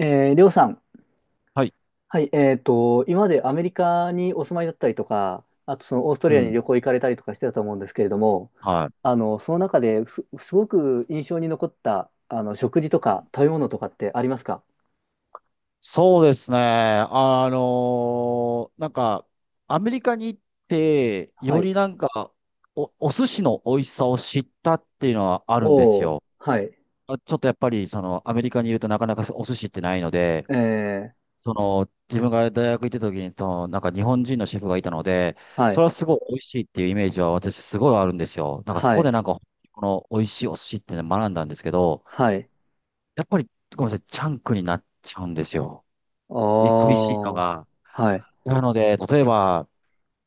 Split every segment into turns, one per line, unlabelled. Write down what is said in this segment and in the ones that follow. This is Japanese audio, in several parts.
りょうさん。
はい。
はい、今までアメリカにお住まいだったりとか、あとそのオースト
う
ラリアに
ん。
旅行行かれたりとかしてたと思うんですけれども、
はい。
その中です、すごく印象に残った、食事と
う
か
ん、
食べ物とかってありますか？
そうですね。なんか、アメリカに行って、
は
より
い。
なんか、お寿司の美味しさを知ったっていうのはあるんです
おー、
よ。
はい。
あ、ちょっとやっぱり、アメリカにいるとなかなかお寿司ってないので、
えー、
自分が大学行ってた時に、なんか日本人のシェフがいたので、
は
それ
い、
はすごい美味しいっていうイメージは私すごいあるんですよ。なんかそ
は
こで
い、
なんか、この美味しいお寿司ってね学んだんですけど、
はい。
やっぱり、ごめんなさい、チャンクになっちゃうんですよ。恋しいの
おー、
が。
はい、
なので、例えば、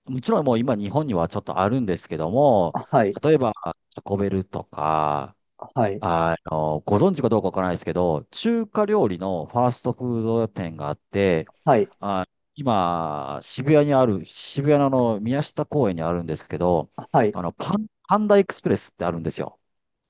もちろんもう今日本にはちょっとあるんですけども、
あはい、
例えば、タコベルとか、
はい、
ご存知かどうかわからないですけど、中華料理のファーストフード店があって、
はい、
あ、今、渋谷にある、渋谷のあの宮下公園にあるんですけど、
あはい。
パンダエクスプレスってあるんですよ。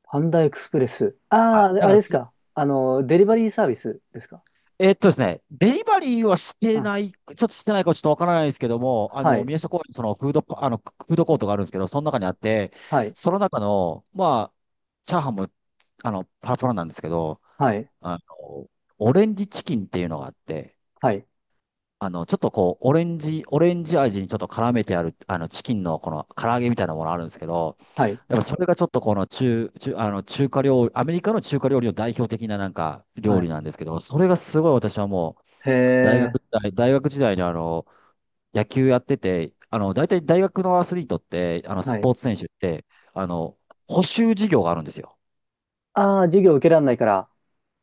パンダエクスプレス。あ
は
あ、
い。な
あ
ん
れ
か
です
す
か。あの、デリバリーサービスですか。
えっとですね、デリバリーはして
あ、
ない、ちょっとしてないかちょっとわからないですけども、
はい。
宮下公園にそのフードコートがあるんですけど、その中にあって、
はい。
その中の、まあ、チャーハンも、パラパラなんですけど、
はい、
あの、オレンジチキンっていうのがあって、
はい、
ちょっとこう、オレンジ味にちょっと絡めてある、チキンのこの唐揚げみたいなものあるんですけど、
はい、
やっぱそれがちょっとこの中、中、あの、中華料理、アメリカの中華料理の代表的ななんか
は
料理
い。
なんですけど、それがすごい私はもう、
へ
大学
え、
時代、大学時代に野球やってて、大体大学のアスリートって、
は
ス
い。
ポーツ選手って、あの、補習授業があるんですよ。
ああ、授業受けられないから。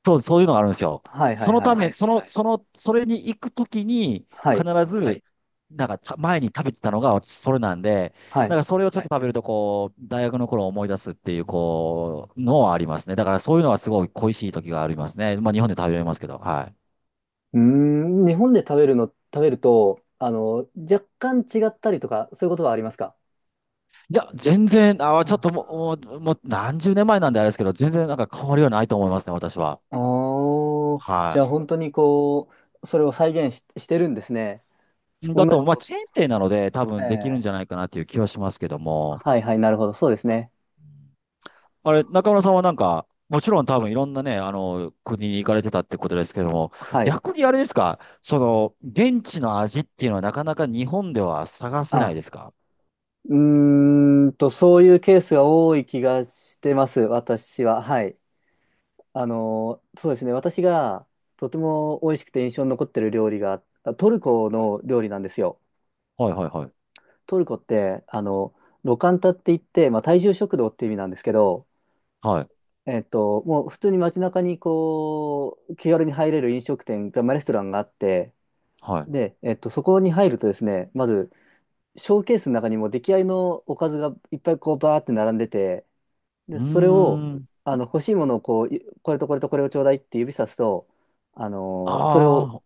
そう、そういうのがあるんですよ。
はい、は
そ
い、
の
は
たは
い。
め、はいその、はい。その、それに行くときに、
は
必
い、
はず、い。なんかた、前に食べてたのが私、それなんで、
は
な
い。
んかそれをちょっはとい。食べると、こう、大学の頃を思い出すっていう、こう、のはありますね。だからそういうのはすごい恋しい時がありますね。まあ、日本で食べられますけど、はい。
うーん、日本で食べるの、食べると、あの、若干違ったりとか、そういうことはありますか？
いや、全然、ちょっとも
あ
う、もう、もう何十年前なんであれですけど、全然なんか変わりはないと思いますね、私は。
あー、じゃ
は
あ本当にそれを再現し、してるんですね。ち
い。
同
だ
じ
と、まあ、
こと。
チェーン店なので、多分できるん
ええ
じゃないかなっていう気はしますけども、
はいはい、なるほど、そうですね。
あれ、中村さんはなんか、もちろん多分いろんなね、国に行かれてたってことですけども、
はい。
逆にあれですか、その、現地の味っていうのはなかなか日本では探せない
あ、
ですか？
うーんと、そういうケースが多い気がしてます、私は。はい。あの、そうですね。私がとても美味しくて印象に残ってる料理が、あトルコの料理なんですよ。
はいはいはい。
トルコって、ロカンタって言って、まあ、大衆食堂って意味なんですけど、
はい。
えっと、もう普通に街中にこう、気軽に入れる飲食店が、まあ、レストランがあって、
はい。
で、えっと、そこに入るとですね、まず、ショーケースの中にも出来合いのおかずがいっぱいこう、バーって並んでて、
う
で、
ー
それを、
ん。
欲しいものをこう、いこれとこれとこれをちょうだいって指さすと、それを
あ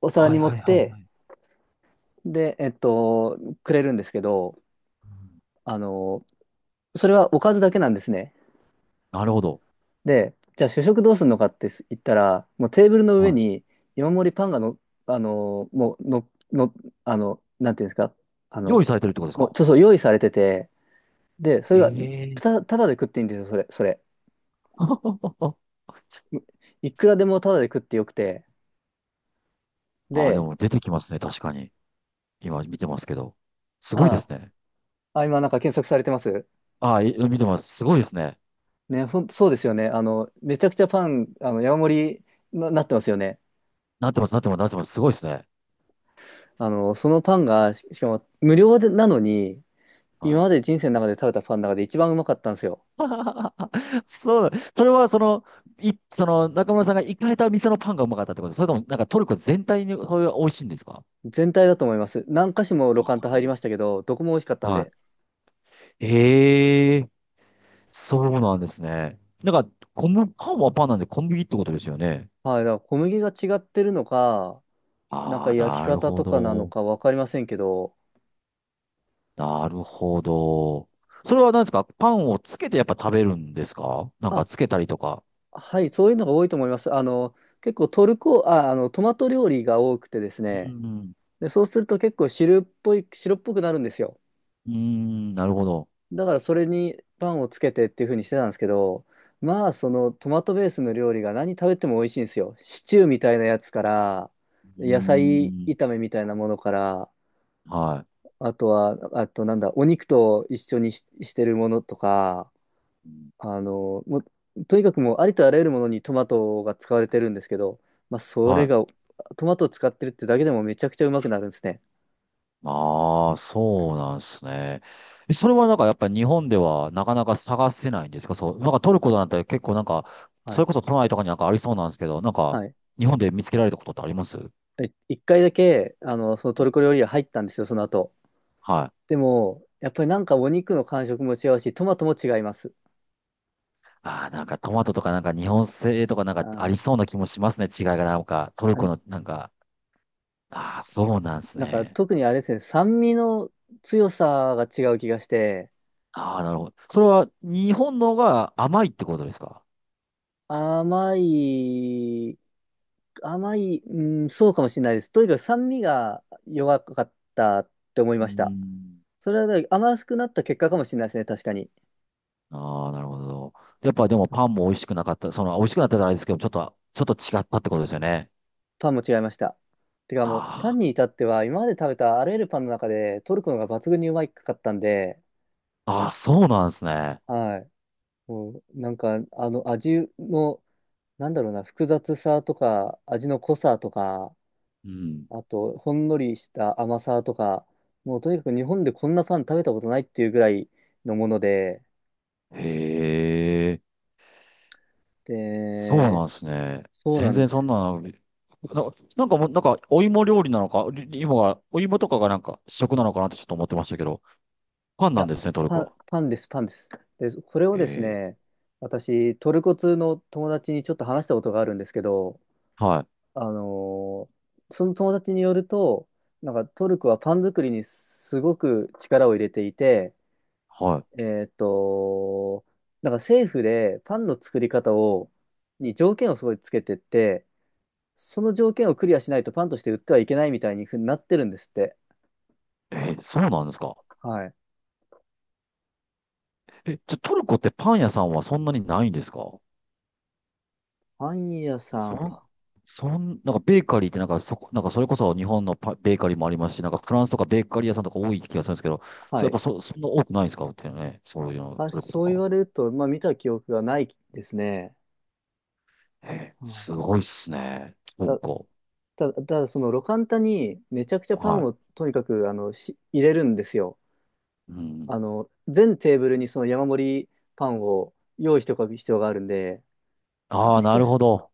お
あ、
皿
は
に
い
盛
は
っ
いはいは
て、
い。
で、えっと、くれるんですけど、
うん、
あのそれはおかずだけなんですね。
なるほど。
で、じゃあ主食どうするのかって言ったら、もうテーブルの
は
上
い、
に山盛りパンがの、あのーもうの、の、あの、なんていうんですか、あ
用意
の、
されてるってことです
もう、
か？
そうそう、用意されてて、で、そ
え
れが、
えー。
ただで食っていいんですよ、それ。いくらでもただで食ってよくて、
ああ、で
で、
も出てきますね。確かに。今見てますけど。す
あ
ごいですね。
あ、あ、今なんか検索されてます。
ああ、い見てます。すごいですね。
そうですよね。めちゃくちゃパン、山盛りな、なってますよね。
なってます、なってます、なってます。すごいですね。
あの、そのパンが、しかも無料でなのに、
は
今
い。
まで人生の中で食べたパンの中で一番うまかったんですよ。
そう、それはその、い、その中村さんが行かれた店のパンがうまかったってこと、それともなんかトルコ全体にそういう美味しいんですか？
全体だと思います。何箇所もロカンタ入りましたけど、どこも美味しかったん
は
で。
い。ええ、そうなんですね。なんか、小麦、パンはパンなんで小麦ってことですよね。
はい、だから小麦が違ってるのか、なん
あ
か
あ、
焼き
なる
方
ほ
とかなの
ど。
かわかりませんけど、
なるほど。それは何ですか、パンをつけてやっぱ食べるんですか？なんか
あ、
つけたりとか。
はい、そういうのが多いと思います。結構トルコ、あ、あの、トマト料理が多くてです
う
ね、
ん。
で、そうすると結構汁っぽい、白っぽくなるんですよ。
うーん、なるほど。
だからそれにパンをつけてっていう風にしてたんですけど、まあそのトマトベースの料理が何食べても美味しいんですよ。シチューみたいなやつから、
うー
野菜
ん。
炒めみたいなものから、
は
あとは、あとなんだ、お肉と一緒にし、してるものとか、
い。うん、
あの、もとにかくもうありとあらゆるものにトマトが使われてるんですけど、まあそれ
はい。
が、トマトを使ってるってだけでもめちゃくちゃうまくなるんですね。
ああ、そうなんですね。え、それはなんかやっぱり日本ではなかなか探せないんですか？そう。なんかトルコなんて結構なんか、
は
そ
い。
れこそ都内とかになんかありそうなんですけど、なんか
はい。
日本で見つけられたことってありますう、
え一回だけ、あの、そのトルコ
ん、
料理屋入ったんですよ、その後。
はい。
でも、やっぱりなんかお肉の感触も違うし、トマトも違います。
ああ、なんかトマトとかなんか日本製とかなん
あ
かあ
ー、
りそうな気もしますね。違いがなんか、トル
あ、
コのなんか、ああ、そうなんです
なんか
ね。
特にあれですね、酸味の強さが違う気がして、
ああ、なるほど。それは日本のが甘いってことですか？
甘い、甘い、うん、そうかもしれないです。とにかく酸味が弱かったって思い
うー
ました。
ん。
それはだから甘くなった結果かもしれないですね、確かに。
ああ、なるほど。やっぱでもパンも美味しくなかった。その、美味しくなったらあれですけど、ちょっと違ったってことですよね。
パンも違いました。てかもう、パ
あ
ンに至っては、今まで食べたあらゆるパンの中で、トルコのが抜群にうまいかったんで、
あ、ああ、そうなんですね。
はい。もう、なんか、あの、味の、なんだろうな、複雑さとか、味の濃さとか、
うん。
あと、ほんのりした甘さとか、もう、とにかく日本でこんなパン食べたことないっていうぐらいのもので、
へえ。そう
で、
なんですね。
そうな
全
ん
然
で
そん
す。
なの、なんかもう、なんか、お芋料理なのか、り芋が、お芋とかがなんか主食なのかなってちょっと思ってましたけど、パン
い
なん
や、
ですね、トルコ。
パンです、パンです。で、これをです
え
ね、私、トルコ通の友達にちょっと話したことがあるんですけど、
ー、はい、
あのーその友達によると、なんかトルコはパン作りにすごく力を入れていて、
は
えーっと、なんか政府でパンの作り方を、に条件をすごいつけてって、その条件をクリアしないとパンとして売ってはいけないみたいにふうになってるんですって。
い。えー、そうなんですか。
はい。
え、じゃ、トルコってパン屋さんはそんなにないんですか？
パン屋さ
そ
ん、
ん、
パ
そん、なんかベーカリーってなんかそこ、なんかそれこそ日本のベーカリーもありますし、なんかフランスとかベーカリー屋さんとか多い気がするんですけど、そ
は
う、やっぱ
い。
そんな多くないんですかってね、そういうの、
た
トルコと
そう
か。
言われると、まあ見た記憶がないですね。
え
う
ー、
ん
すごいっすね、トル
た、
コ。
ただそのロカンタにめちゃくちゃパン
は
をとにかくあのし入れるんですよ。
い。うん。
あの、全テーブルにその山盛りパンを用意しておく必要があるんで、
あ
も
あ、
し
な
か
る
しだ
ほ
か
ど。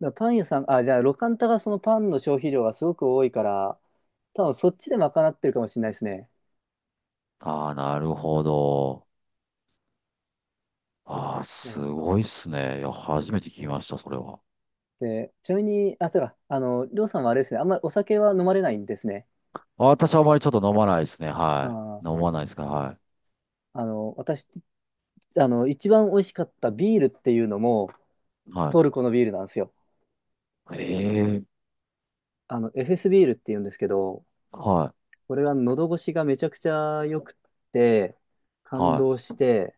らパン屋さん、あ、じゃあ、ロカンタがそのパンの消費量がすごく多いから、多分そっちで賄ってるかもしれないですね。
ああ、なるほど。ああ、す
そ
ごいっすね。いや、初めて聞きました、それは。
う。で、ちなみに、あ、そうか、りょうさんはあれですね、あんまりお酒は飲まれないんですね。
あ、私はあまりちょっと飲まないですね。は
ああ、
い。飲まないですから、はい。
あの、私、あの、一番美味しかったビールっていうのも、
は
トルコのビールなんですよ。
い。ええ、
あの、エフエスビールっていうんですけど、
は
これが喉越しがめちゃくちゃ良くて、
い。
感
は
動して、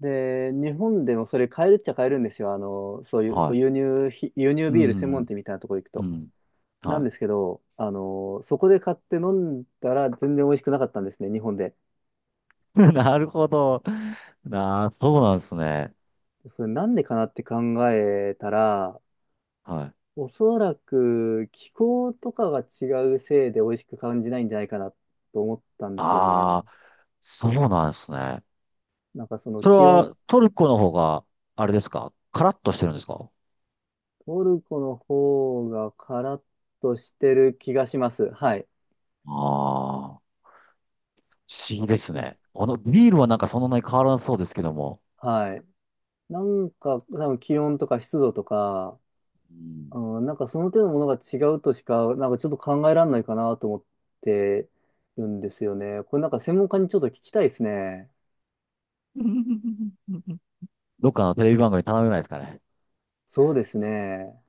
で、日本でもそれ買えるっちゃ買えるんですよ。あの、そうい
い。
うこ
は
う
い。
輸入
う
ビール専門
ん。
店みたいなとこ行く
う
と。
ん。
なん
は
ですけど、あの、そこで買って飲んだら全然美味しくなかったんですね、日本で。
い。なるほど。なあ、そうなんですね。
それなんでかなって考えたら、
はい。
おそらく気候とかが違うせいで美味しく感じないんじゃないかなと思ったんですよね。
ああ、そうなんですね。
なんかその
それ
気温、
はトルコの方が、あれですか、カラッとしてるんですか？
トルコの方がカラッとしてる気がします。はい。
ああー。不思議です
うん
ね。このビールはなんかそんなに変わらなそうですけども、
はい。なんか、多分気温とか湿度とか、
うん、
うん、なんかその手のものが違うとしか、なんかちょっと考えられないかなと思ってるんですよね。これなんか専門家にちょっと聞きたいですね。
どっかのテレビ番組に頼めないですかね。
そうですね。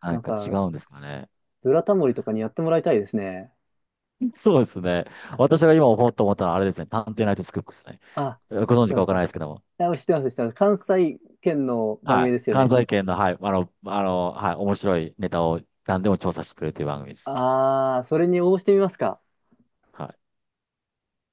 な
な
ん
ん
か違
か、
うんですかね。
ブラタモリとかにやってもらいたいですね。
そうですね。私が今思おうと思ったのはあれですね。探偵ナイトスクープですね。
あ、
ご存知
そう
か
だ
わからないで
か。
すけども。
あ、知ってます、知ってます。関西圏の番
は
組
い。
ですよ
関
ね。
西圏の、はい。はい。面白いネタを何でも調査してくれるという番組です。
あー、それに応募してみますか。
はい。